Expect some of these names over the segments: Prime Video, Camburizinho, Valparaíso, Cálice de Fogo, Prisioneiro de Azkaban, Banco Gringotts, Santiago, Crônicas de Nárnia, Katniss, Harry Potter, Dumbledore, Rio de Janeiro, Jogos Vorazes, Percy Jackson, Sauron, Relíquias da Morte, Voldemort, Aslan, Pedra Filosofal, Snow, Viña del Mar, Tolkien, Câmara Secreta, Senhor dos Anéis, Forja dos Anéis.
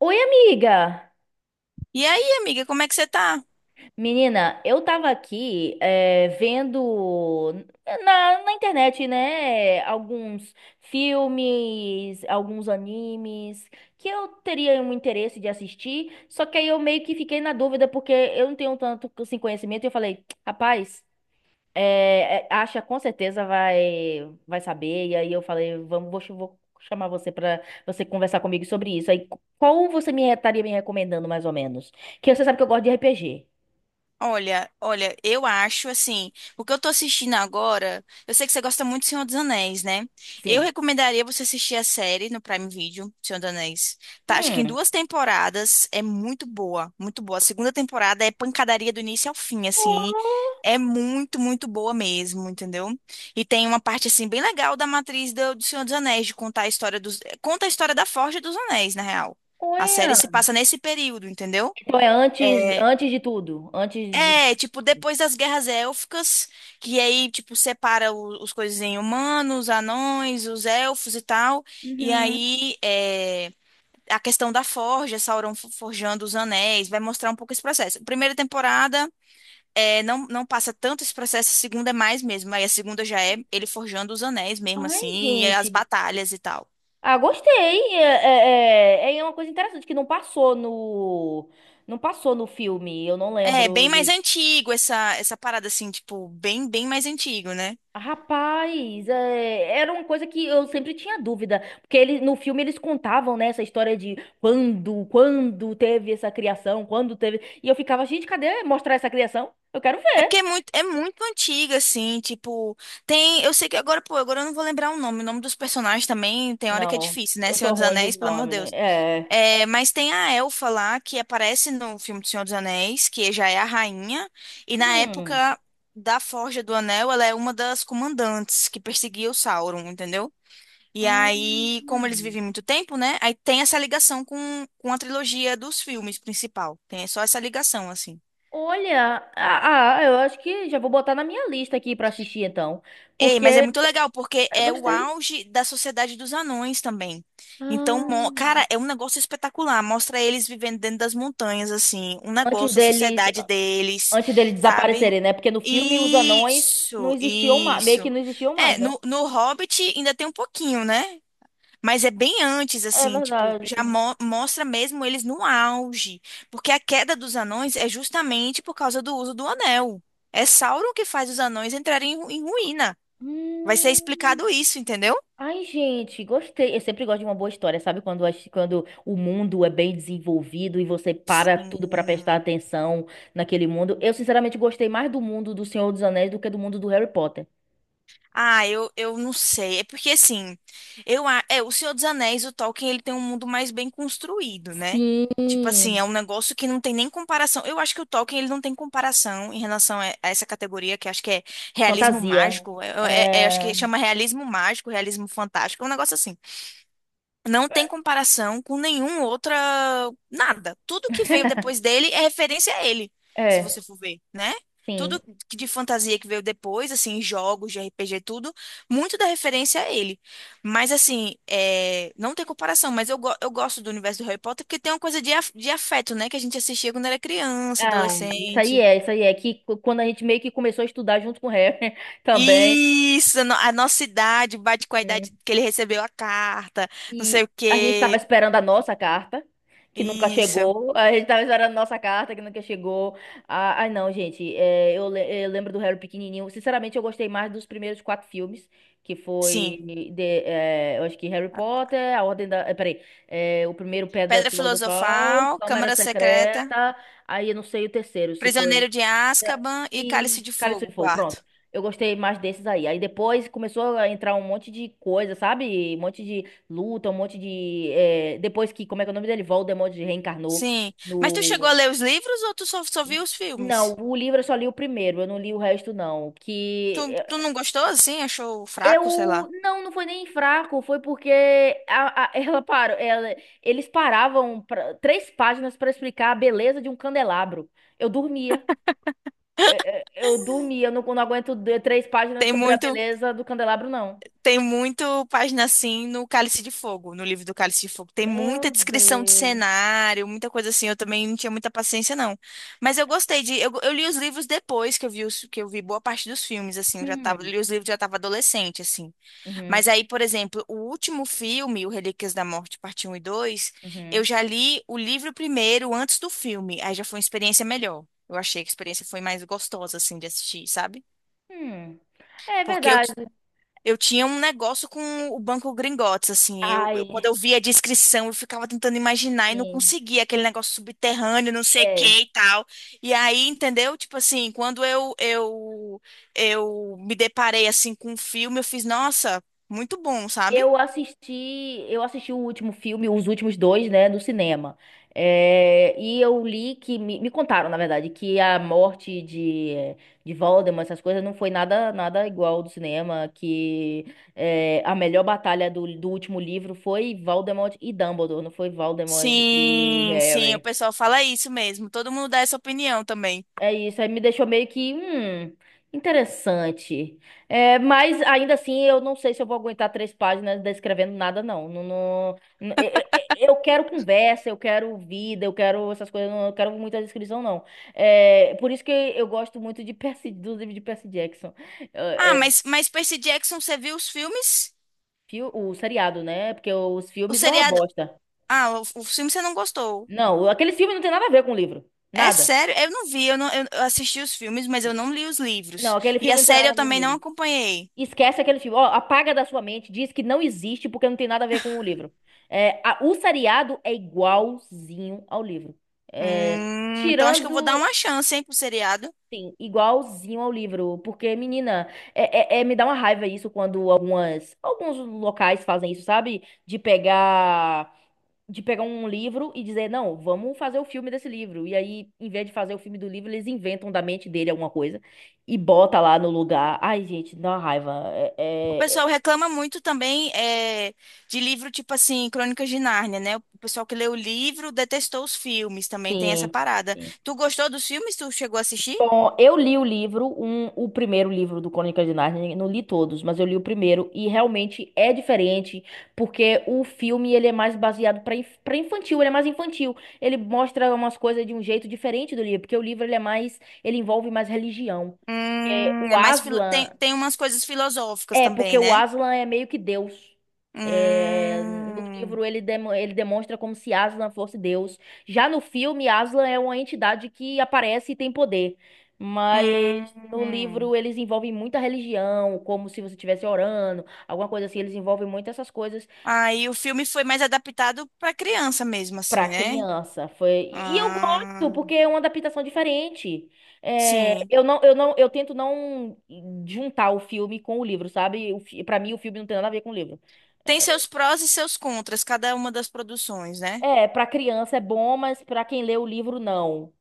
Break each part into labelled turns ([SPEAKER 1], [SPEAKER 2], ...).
[SPEAKER 1] Oi, amiga!
[SPEAKER 2] E aí, amiga, como é que você tá?
[SPEAKER 1] Menina, eu tava aqui vendo na internet, né, alguns filmes, alguns animes que eu teria um interesse de assistir, só que aí eu meio que fiquei na dúvida porque eu não tenho tanto assim, conhecimento e eu falei, rapaz, acha com certeza vai saber. E aí eu falei, vamos, vou chamar você pra você conversar comigo sobre isso. Aí qual você me estaria me recomendando mais ou menos? Que você sabe que eu gosto de RPG.
[SPEAKER 2] Olha, olha, eu acho assim, o que eu tô assistindo agora, eu sei que você gosta muito do Senhor dos Anéis, né? Eu
[SPEAKER 1] Sim.
[SPEAKER 2] recomendaria você assistir a série no Prime Video, Senhor dos Anéis. Tá, acho que em
[SPEAKER 1] Hum.
[SPEAKER 2] duas temporadas é muito boa, muito boa. A segunda temporada é pancadaria do início ao fim, assim. É muito, muito boa mesmo, entendeu? E tem uma parte assim bem legal da matriz do Senhor dos Anéis, de contar a história dos, conta a história da Forja dos Anéis, na real. A série se
[SPEAKER 1] Olha.
[SPEAKER 2] passa nesse período, entendeu?
[SPEAKER 1] Então é antes
[SPEAKER 2] É,
[SPEAKER 1] antes de tudo,
[SPEAKER 2] tipo, depois das guerras élficas, que aí, tipo, separa os coisas em humanos, anões, os elfos e tal. E
[SPEAKER 1] Uhum.
[SPEAKER 2] aí, a questão da forja, Sauron forjando os anéis, vai mostrar um pouco esse processo. Primeira temporada, é, não passa tanto esse processo, a segunda é mais mesmo. Aí a segunda já é ele forjando os anéis mesmo,
[SPEAKER 1] Ai,
[SPEAKER 2] assim, e as
[SPEAKER 1] gente.
[SPEAKER 2] batalhas e tal.
[SPEAKER 1] Ah, gostei. É é uma coisa interessante que não passou no filme. Eu não
[SPEAKER 2] É,
[SPEAKER 1] lembro.
[SPEAKER 2] bem mais antigo essa parada, assim, tipo, bem, bem mais antigo, né?
[SPEAKER 1] Rapaz, é, era uma coisa que eu sempre tinha dúvida, porque ele, no filme eles contavam, né, essa história de quando teve essa criação, quando teve, e eu ficava, gente, cadê mostrar essa criação? Eu quero
[SPEAKER 2] É porque
[SPEAKER 1] ver.
[SPEAKER 2] é muito antiga, assim, tipo, tem, eu sei que agora, pô, agora eu não vou lembrar o nome dos personagens também, tem hora que é
[SPEAKER 1] Não,
[SPEAKER 2] difícil, né,
[SPEAKER 1] eu
[SPEAKER 2] Senhor
[SPEAKER 1] sou
[SPEAKER 2] dos
[SPEAKER 1] ruim de
[SPEAKER 2] Anéis, pelo amor
[SPEAKER 1] nome.
[SPEAKER 2] de Deus.
[SPEAKER 1] É.
[SPEAKER 2] É, mas tem a Elfa lá, que aparece no filme do Senhor dos Anéis, que já é a rainha, e na
[SPEAKER 1] Hum.
[SPEAKER 2] época da Forja do Anel, ela é uma das comandantes que perseguia o Sauron, entendeu? E
[SPEAKER 1] Ah,
[SPEAKER 2] aí, como eles vivem muito tempo, né, aí tem essa ligação com a trilogia dos filmes principal, tem só essa ligação, assim.
[SPEAKER 1] Olha, eu acho que já vou botar na minha lista aqui pra assistir então,
[SPEAKER 2] Ei,
[SPEAKER 1] porque
[SPEAKER 2] mas é muito legal, porque
[SPEAKER 1] eu
[SPEAKER 2] é o
[SPEAKER 1] gostei.
[SPEAKER 2] auge da sociedade dos anões também. Então,
[SPEAKER 1] Ah.
[SPEAKER 2] cara, é um negócio espetacular. Mostra eles vivendo dentro das montanhas, assim, um
[SPEAKER 1] Antes
[SPEAKER 2] negócio, a
[SPEAKER 1] deles,
[SPEAKER 2] sociedade deles,
[SPEAKER 1] Antes dele
[SPEAKER 2] sabe?
[SPEAKER 1] desaparecerem, né? Porque no filme os anões não
[SPEAKER 2] Isso,
[SPEAKER 1] existiam mais, meio
[SPEAKER 2] isso.
[SPEAKER 1] que não existiam
[SPEAKER 2] É,
[SPEAKER 1] mais, né?
[SPEAKER 2] no Hobbit ainda tem um pouquinho, né? Mas é bem antes,
[SPEAKER 1] É
[SPEAKER 2] assim, tipo,
[SPEAKER 1] verdade.
[SPEAKER 2] já mostra mesmo eles no auge. Porque a queda dos anões é justamente por causa do uso do anel. É Sauron que faz os anões entrarem em ruína. Vai ser
[SPEAKER 1] Hum.
[SPEAKER 2] explicado isso, entendeu?
[SPEAKER 1] Ai, gente, gostei. Eu sempre gosto de uma boa história, sabe? Quando o mundo é bem desenvolvido e você para tudo pra prestar
[SPEAKER 2] Sim.
[SPEAKER 1] atenção naquele mundo. Eu, sinceramente, gostei mais do mundo do Senhor dos Anéis do que do mundo do Harry Potter.
[SPEAKER 2] Ah, eu não sei. É porque assim, é o Senhor dos Anéis, o Tolkien, ele tem um mundo mais bem construído, né? Tipo assim, é
[SPEAKER 1] Sim,
[SPEAKER 2] um negócio que não tem nem comparação. Eu acho que o Tolkien ele não tem comparação em relação a essa categoria que acho que é realismo
[SPEAKER 1] fantasia.
[SPEAKER 2] mágico. É, acho que
[SPEAKER 1] É,
[SPEAKER 2] chama realismo mágico, realismo fantástico, é um negócio assim. Não tem comparação com nenhum outra, nada. Tudo que veio depois dele é referência a ele, se você
[SPEAKER 1] é,
[SPEAKER 2] for ver, né?
[SPEAKER 1] sim.
[SPEAKER 2] Tudo de fantasia que veio depois, assim, jogos de RPG, tudo, muito da referência a ele. Mas, assim, é, não tem comparação, mas eu gosto do universo do Harry Potter porque tem uma coisa de, de afeto, né? Que a gente assistia quando era criança,
[SPEAKER 1] Ah,
[SPEAKER 2] adolescente.
[SPEAKER 1] isso aí é quando a gente meio que começou a estudar junto com o Harry também,
[SPEAKER 2] Isso, a no- a nossa idade bate com a idade que ele recebeu a carta, não sei
[SPEAKER 1] e
[SPEAKER 2] o
[SPEAKER 1] a gente tava
[SPEAKER 2] quê.
[SPEAKER 1] esperando a nossa carta, que nunca
[SPEAKER 2] Isso,
[SPEAKER 1] chegou, a gente tava esperando a nossa carta, que nunca chegou. Ah, ai não, gente, eu lembro do Harry pequenininho, sinceramente eu gostei mais dos primeiros quatro filmes, que
[SPEAKER 2] sim.
[SPEAKER 1] foi, de, é, eu acho que Harry Potter, a Ordem da... é, Peraí, é, o primeiro Pedra
[SPEAKER 2] Pedra
[SPEAKER 1] Filosofal,
[SPEAKER 2] Filosofal,
[SPEAKER 1] Câmara
[SPEAKER 2] Câmara Secreta,
[SPEAKER 1] Secreta, aí eu não sei o terceiro, se foi...
[SPEAKER 2] Prisioneiro de Azkaban e
[SPEAKER 1] E
[SPEAKER 2] Cálice de
[SPEAKER 1] Cálice de
[SPEAKER 2] Fogo,
[SPEAKER 1] Fogo, pronto.
[SPEAKER 2] quarto.
[SPEAKER 1] Eu gostei mais desses aí. Aí depois começou a entrar um monte de coisa, sabe? Um monte de luta, um monte de. Depois que, como é que é o nome dele? Voldemort reencarnou
[SPEAKER 2] Sim. Mas tu chegou a
[SPEAKER 1] no.
[SPEAKER 2] ler os livros ou tu só, só viu os
[SPEAKER 1] Não,
[SPEAKER 2] filmes?
[SPEAKER 1] o livro eu só li o primeiro, eu não li o resto, não. Que
[SPEAKER 2] Tu não gostou assim? Achou fraco, sei lá.
[SPEAKER 1] eu. Não, não foi nem fraco, foi porque ela parou. Ela, eles três páginas pra explicar a beleza de um candelabro. Eu dormia. Eu, eu dormi, eu não, não três páginas
[SPEAKER 2] Tem
[SPEAKER 1] sobre a
[SPEAKER 2] muito,
[SPEAKER 1] beleza do candelabro, não.
[SPEAKER 2] tem muito página assim no Cálice de Fogo, no livro do Cálice de Fogo. Tem muita
[SPEAKER 1] Meu
[SPEAKER 2] descrição de
[SPEAKER 1] Deus.
[SPEAKER 2] cenário, muita coisa assim. Eu também não tinha muita paciência, não. Mas eu gostei de. Eu li os livros depois que eu vi, que eu vi boa parte dos filmes, assim. Eu já tava,
[SPEAKER 1] Hum,
[SPEAKER 2] li os livros, já tava adolescente, assim.
[SPEAKER 1] uhum,
[SPEAKER 2] Mas aí, por exemplo, o último filme, o Relíquias da Morte, parte um e 2, eu
[SPEAKER 1] uhum,
[SPEAKER 2] já li o livro primeiro, antes do filme. Aí já foi uma experiência melhor. Eu achei que a experiência foi mais gostosa, assim, de assistir, sabe?
[SPEAKER 1] hum. É
[SPEAKER 2] Porque
[SPEAKER 1] verdade.
[SPEAKER 2] eu tinha um negócio com o Banco Gringotts, assim. Eu,
[SPEAKER 1] Ai,
[SPEAKER 2] quando eu via a descrição, eu ficava tentando imaginar e não
[SPEAKER 1] sim.
[SPEAKER 2] conseguia. Aquele negócio subterrâneo, não sei o
[SPEAKER 1] é.
[SPEAKER 2] que e tal. E aí, entendeu? Tipo assim, eu me deparei, assim, com o filme, eu fiz, nossa, muito bom, sabe?
[SPEAKER 1] Eu assisti o último filme, os últimos dois, né, no cinema. É, e eu li que me contaram, na verdade, que a morte de Voldemort, essas coisas, não foi nada nada igual do cinema, que é, a melhor batalha do último livro foi Voldemort e Dumbledore, não foi Voldemort e
[SPEAKER 2] Sim, sim, o
[SPEAKER 1] Harry.
[SPEAKER 2] pessoal fala isso mesmo. Todo mundo dá essa opinião também.
[SPEAKER 1] É isso, aí me deixou meio que, interessante. É, mas ainda assim, eu não sei se eu vou aguentar três páginas descrevendo nada, não. Não, eu quero conversa, eu quero vida, eu quero essas coisas, não, eu quero muita descrição, não. É, por isso que eu gosto muito de Percy, do livro de Percy Jackson.
[SPEAKER 2] Ah,
[SPEAKER 1] É, é,
[SPEAKER 2] mas Percy Jackson, você viu os filmes?
[SPEAKER 1] o seriado, né? Porque os
[SPEAKER 2] O
[SPEAKER 1] filmes é uma
[SPEAKER 2] seriado.
[SPEAKER 1] bosta.
[SPEAKER 2] Ah, o filme você não gostou.
[SPEAKER 1] Não, aqueles filmes não tem nada a ver com o livro.
[SPEAKER 2] É
[SPEAKER 1] Nada.
[SPEAKER 2] sério, eu não vi, eu, não, eu assisti os filmes, mas eu não li os
[SPEAKER 1] Não,
[SPEAKER 2] livros.
[SPEAKER 1] aquele
[SPEAKER 2] E a
[SPEAKER 1] filme não tem
[SPEAKER 2] série
[SPEAKER 1] nada a
[SPEAKER 2] eu
[SPEAKER 1] ver com o
[SPEAKER 2] também não
[SPEAKER 1] livro.
[SPEAKER 2] acompanhei.
[SPEAKER 1] Esquece aquele filme. Ó, apaga da sua mente, diz que não existe porque não tem nada a ver com o livro. É, o seriado é igualzinho ao livro. É,
[SPEAKER 2] Então acho que eu vou dar
[SPEAKER 1] tirando,
[SPEAKER 2] uma chance, hein, pro seriado.
[SPEAKER 1] sim, igualzinho ao livro. Porque, menina, me dá uma raiva isso quando algumas, alguns locais fazem isso, sabe? De pegar um livro e dizer, não, vamos fazer o filme desse livro. E aí, em vez de fazer o filme do livro, eles inventam da mente dele alguma coisa e bota lá no lugar. Ai, gente, dá uma raiva. É,
[SPEAKER 2] O pessoal
[SPEAKER 1] é,
[SPEAKER 2] reclama muito também é, de livro tipo assim, Crônicas de Nárnia, né? O pessoal que leu o livro detestou os filmes, também tem essa
[SPEAKER 1] Sim.
[SPEAKER 2] parada.
[SPEAKER 1] sim.
[SPEAKER 2] Tu gostou dos filmes? Tu chegou a assistir?
[SPEAKER 1] Bom, eu li o livro, um, o primeiro livro do Crônicas de Nárnia, não li todos, mas eu li o primeiro e realmente é diferente, porque o filme ele é mais baseado para infantil, ele é mais infantil. Ele mostra umas coisas de um jeito diferente do livro, porque o livro ele é mais, ele envolve mais religião. Porque o
[SPEAKER 2] É
[SPEAKER 1] Aslan
[SPEAKER 2] tem, tem umas coisas filosóficas
[SPEAKER 1] é, porque
[SPEAKER 2] também,
[SPEAKER 1] o
[SPEAKER 2] né?
[SPEAKER 1] Aslan é meio que Deus. É, no
[SPEAKER 2] Hum,
[SPEAKER 1] livro ele, ele demonstra como se Aslan fosse Deus. Já no filme, Aslan é uma entidade que aparece e tem poder. Mas no
[SPEAKER 2] hum.
[SPEAKER 1] livro eles envolvem muita religião, como se você estivesse orando, alguma coisa assim. Eles envolvem muito essas coisas
[SPEAKER 2] Aí o filme foi mais adaptado para criança mesmo,
[SPEAKER 1] pra
[SPEAKER 2] assim, né?
[SPEAKER 1] criança. Foi... E eu gosto,
[SPEAKER 2] Ah,
[SPEAKER 1] porque é uma adaptação diferente. É,
[SPEAKER 2] sim.
[SPEAKER 1] eu tento não juntar o filme com o livro, sabe? Pra mim, o filme não tem nada a ver com o livro.
[SPEAKER 2] Tem seus prós e seus contras, cada uma das produções, né?
[SPEAKER 1] É, para criança é bom, mas para quem lê o livro, não.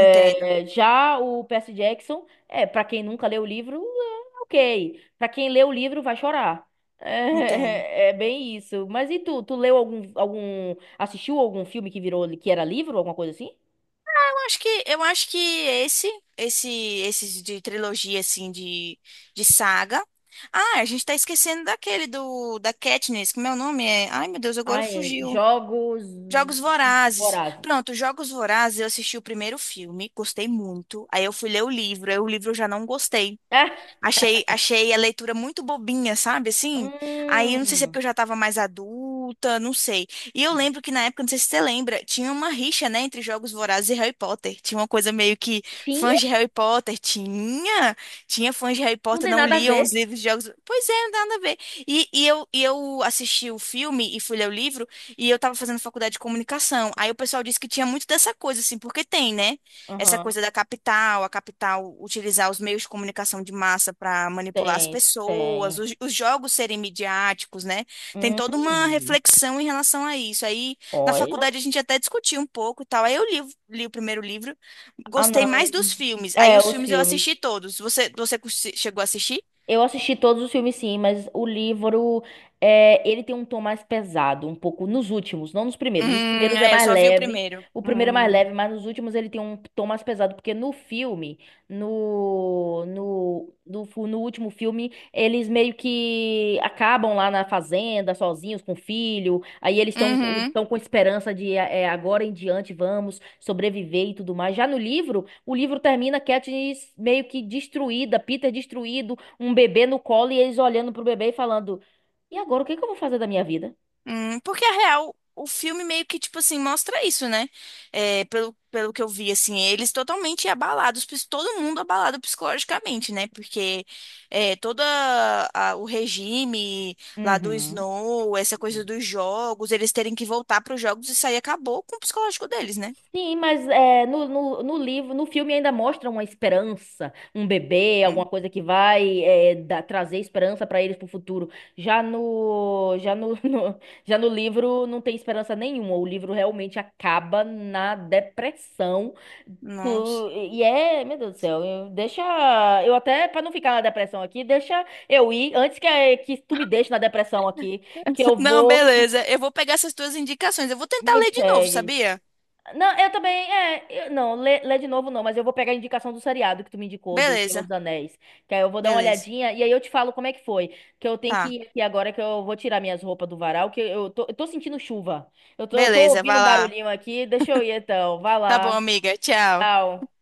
[SPEAKER 2] Entendo,
[SPEAKER 1] já o Percy Jackson, é, para quem nunca leu o livro, é ok. Para quem lê o livro, vai chorar.
[SPEAKER 2] entendo.
[SPEAKER 1] É, é é bem isso. Mas e tu? Tu leu algum, algum, assistiu algum filme que virou, que era livro, alguma coisa assim?
[SPEAKER 2] Ah, eu acho que, esses de trilogia, assim, de saga. Ah, a gente tá esquecendo daquele da Katniss, que meu nome é. Ai, meu Deus, agora
[SPEAKER 1] Ai,
[SPEAKER 2] fugiu.
[SPEAKER 1] Jogos
[SPEAKER 2] Jogos Vorazes.
[SPEAKER 1] Vorazes.
[SPEAKER 2] Pronto, Jogos Vorazes, eu assisti o primeiro filme, gostei muito. Aí eu fui ler o livro, aí o livro eu já não gostei. Achei, achei a leitura muito bobinha, sabe? Assim, aí
[SPEAKER 1] É?
[SPEAKER 2] eu não sei se é
[SPEAKER 1] Hum.
[SPEAKER 2] porque eu já estava mais adulta, não sei. E eu lembro que na época, não sei se você lembra, tinha uma rixa, né, entre Jogos Vorazes e Harry Potter. Tinha uma coisa meio que fãs
[SPEAKER 1] Tinha?
[SPEAKER 2] de Harry Potter. Tinha, tinha fãs de Harry
[SPEAKER 1] Não
[SPEAKER 2] Potter,
[SPEAKER 1] tem
[SPEAKER 2] não
[SPEAKER 1] nada a
[SPEAKER 2] liam os
[SPEAKER 1] ver.
[SPEAKER 2] livros de Jogos. Pois é, não dá nada a ver. E eu assisti o filme e fui ler o livro, e eu tava fazendo faculdade de comunicação. Aí o pessoal disse que tinha muito dessa coisa, assim, porque tem, né? Essa
[SPEAKER 1] Aham,
[SPEAKER 2] coisa da capital, a capital utilizar os meios de comunicação de massa para manipular as
[SPEAKER 1] Tem,
[SPEAKER 2] pessoas,
[SPEAKER 1] tem.
[SPEAKER 2] os jogos serem midiáticos, né? Tem toda uma
[SPEAKER 1] Hum.
[SPEAKER 2] reflexão em relação a isso. Aí, na
[SPEAKER 1] Olha.
[SPEAKER 2] faculdade, a gente até discutiu um pouco e tal. Aí eu li, li o primeiro livro,
[SPEAKER 1] Ah,
[SPEAKER 2] gostei
[SPEAKER 1] não.
[SPEAKER 2] mais dos filmes. Aí
[SPEAKER 1] É,
[SPEAKER 2] os
[SPEAKER 1] o
[SPEAKER 2] filmes eu
[SPEAKER 1] filmes.
[SPEAKER 2] assisti todos. Você chegou a assistir?
[SPEAKER 1] Eu assisti todos os filmes, sim, mas o livro, é, ele tem um tom mais pesado, um pouco nos últimos, não nos primeiros. Os primeiros é
[SPEAKER 2] É, eu
[SPEAKER 1] mais
[SPEAKER 2] só vi o
[SPEAKER 1] leve,
[SPEAKER 2] primeiro.
[SPEAKER 1] o primeiro é mais
[SPEAKER 2] Hum.
[SPEAKER 1] leve, mas nos últimos ele tem um tom mais pesado, porque no filme, no último filme, eles meio que acabam lá na fazenda, sozinhos, com o filho, aí eles
[SPEAKER 2] Uhum.
[SPEAKER 1] estão com esperança de é, é, agora em diante vamos sobreviver e tudo mais. Já no livro, o livro termina Katniss meio que destruída, Peter destruído, um bebê no colo e eles olhando pro bebê e falando: E agora, o que que eu vou fazer da minha vida?
[SPEAKER 2] Porque, a real, o filme meio que, tipo assim, mostra isso, né? É, pelo que eu vi, assim, eles totalmente abalados, todo mundo abalado psicologicamente, né? Porque é, o regime lá do
[SPEAKER 1] Uhum.
[SPEAKER 2] Snow, essa coisa dos jogos, eles terem que voltar para os jogos, isso aí acabou com o psicológico deles, né?
[SPEAKER 1] Sim, mas é, no livro, no filme ainda mostra uma esperança, um bebê, alguma
[SPEAKER 2] Hum,
[SPEAKER 1] coisa que vai é, dar- trazer esperança para eles pro futuro. Já no, já no livro não tem esperança nenhuma. O livro realmente acaba na depressão.
[SPEAKER 2] nossa.
[SPEAKER 1] E é, meu Deus do céu, deixa eu até para não ficar na depressão aqui, deixa eu ir antes que tu me deixe na depressão aqui, que eu
[SPEAKER 2] Não,
[SPEAKER 1] vou
[SPEAKER 2] beleza. Eu vou pegar essas tuas indicações. Eu vou tentar
[SPEAKER 1] me
[SPEAKER 2] ler de novo,
[SPEAKER 1] pegue.
[SPEAKER 2] sabia?
[SPEAKER 1] Não, eu também, não, lê de novo não, mas eu vou pegar a indicação do seriado que tu me indicou, do Senhor dos
[SPEAKER 2] Beleza,
[SPEAKER 1] Anéis, que aí eu vou dar uma
[SPEAKER 2] beleza.
[SPEAKER 1] olhadinha e aí eu te falo como é que foi, que eu tenho que
[SPEAKER 2] Tá,
[SPEAKER 1] ir aqui agora que eu vou tirar minhas roupas do varal, que eu tô sentindo chuva, eu tô
[SPEAKER 2] beleza,
[SPEAKER 1] ouvindo
[SPEAKER 2] vai
[SPEAKER 1] um
[SPEAKER 2] lá.
[SPEAKER 1] barulhinho aqui, deixa eu ir então, vai
[SPEAKER 2] Tá bom,
[SPEAKER 1] lá,
[SPEAKER 2] amiga. Tchau.
[SPEAKER 1] tchau.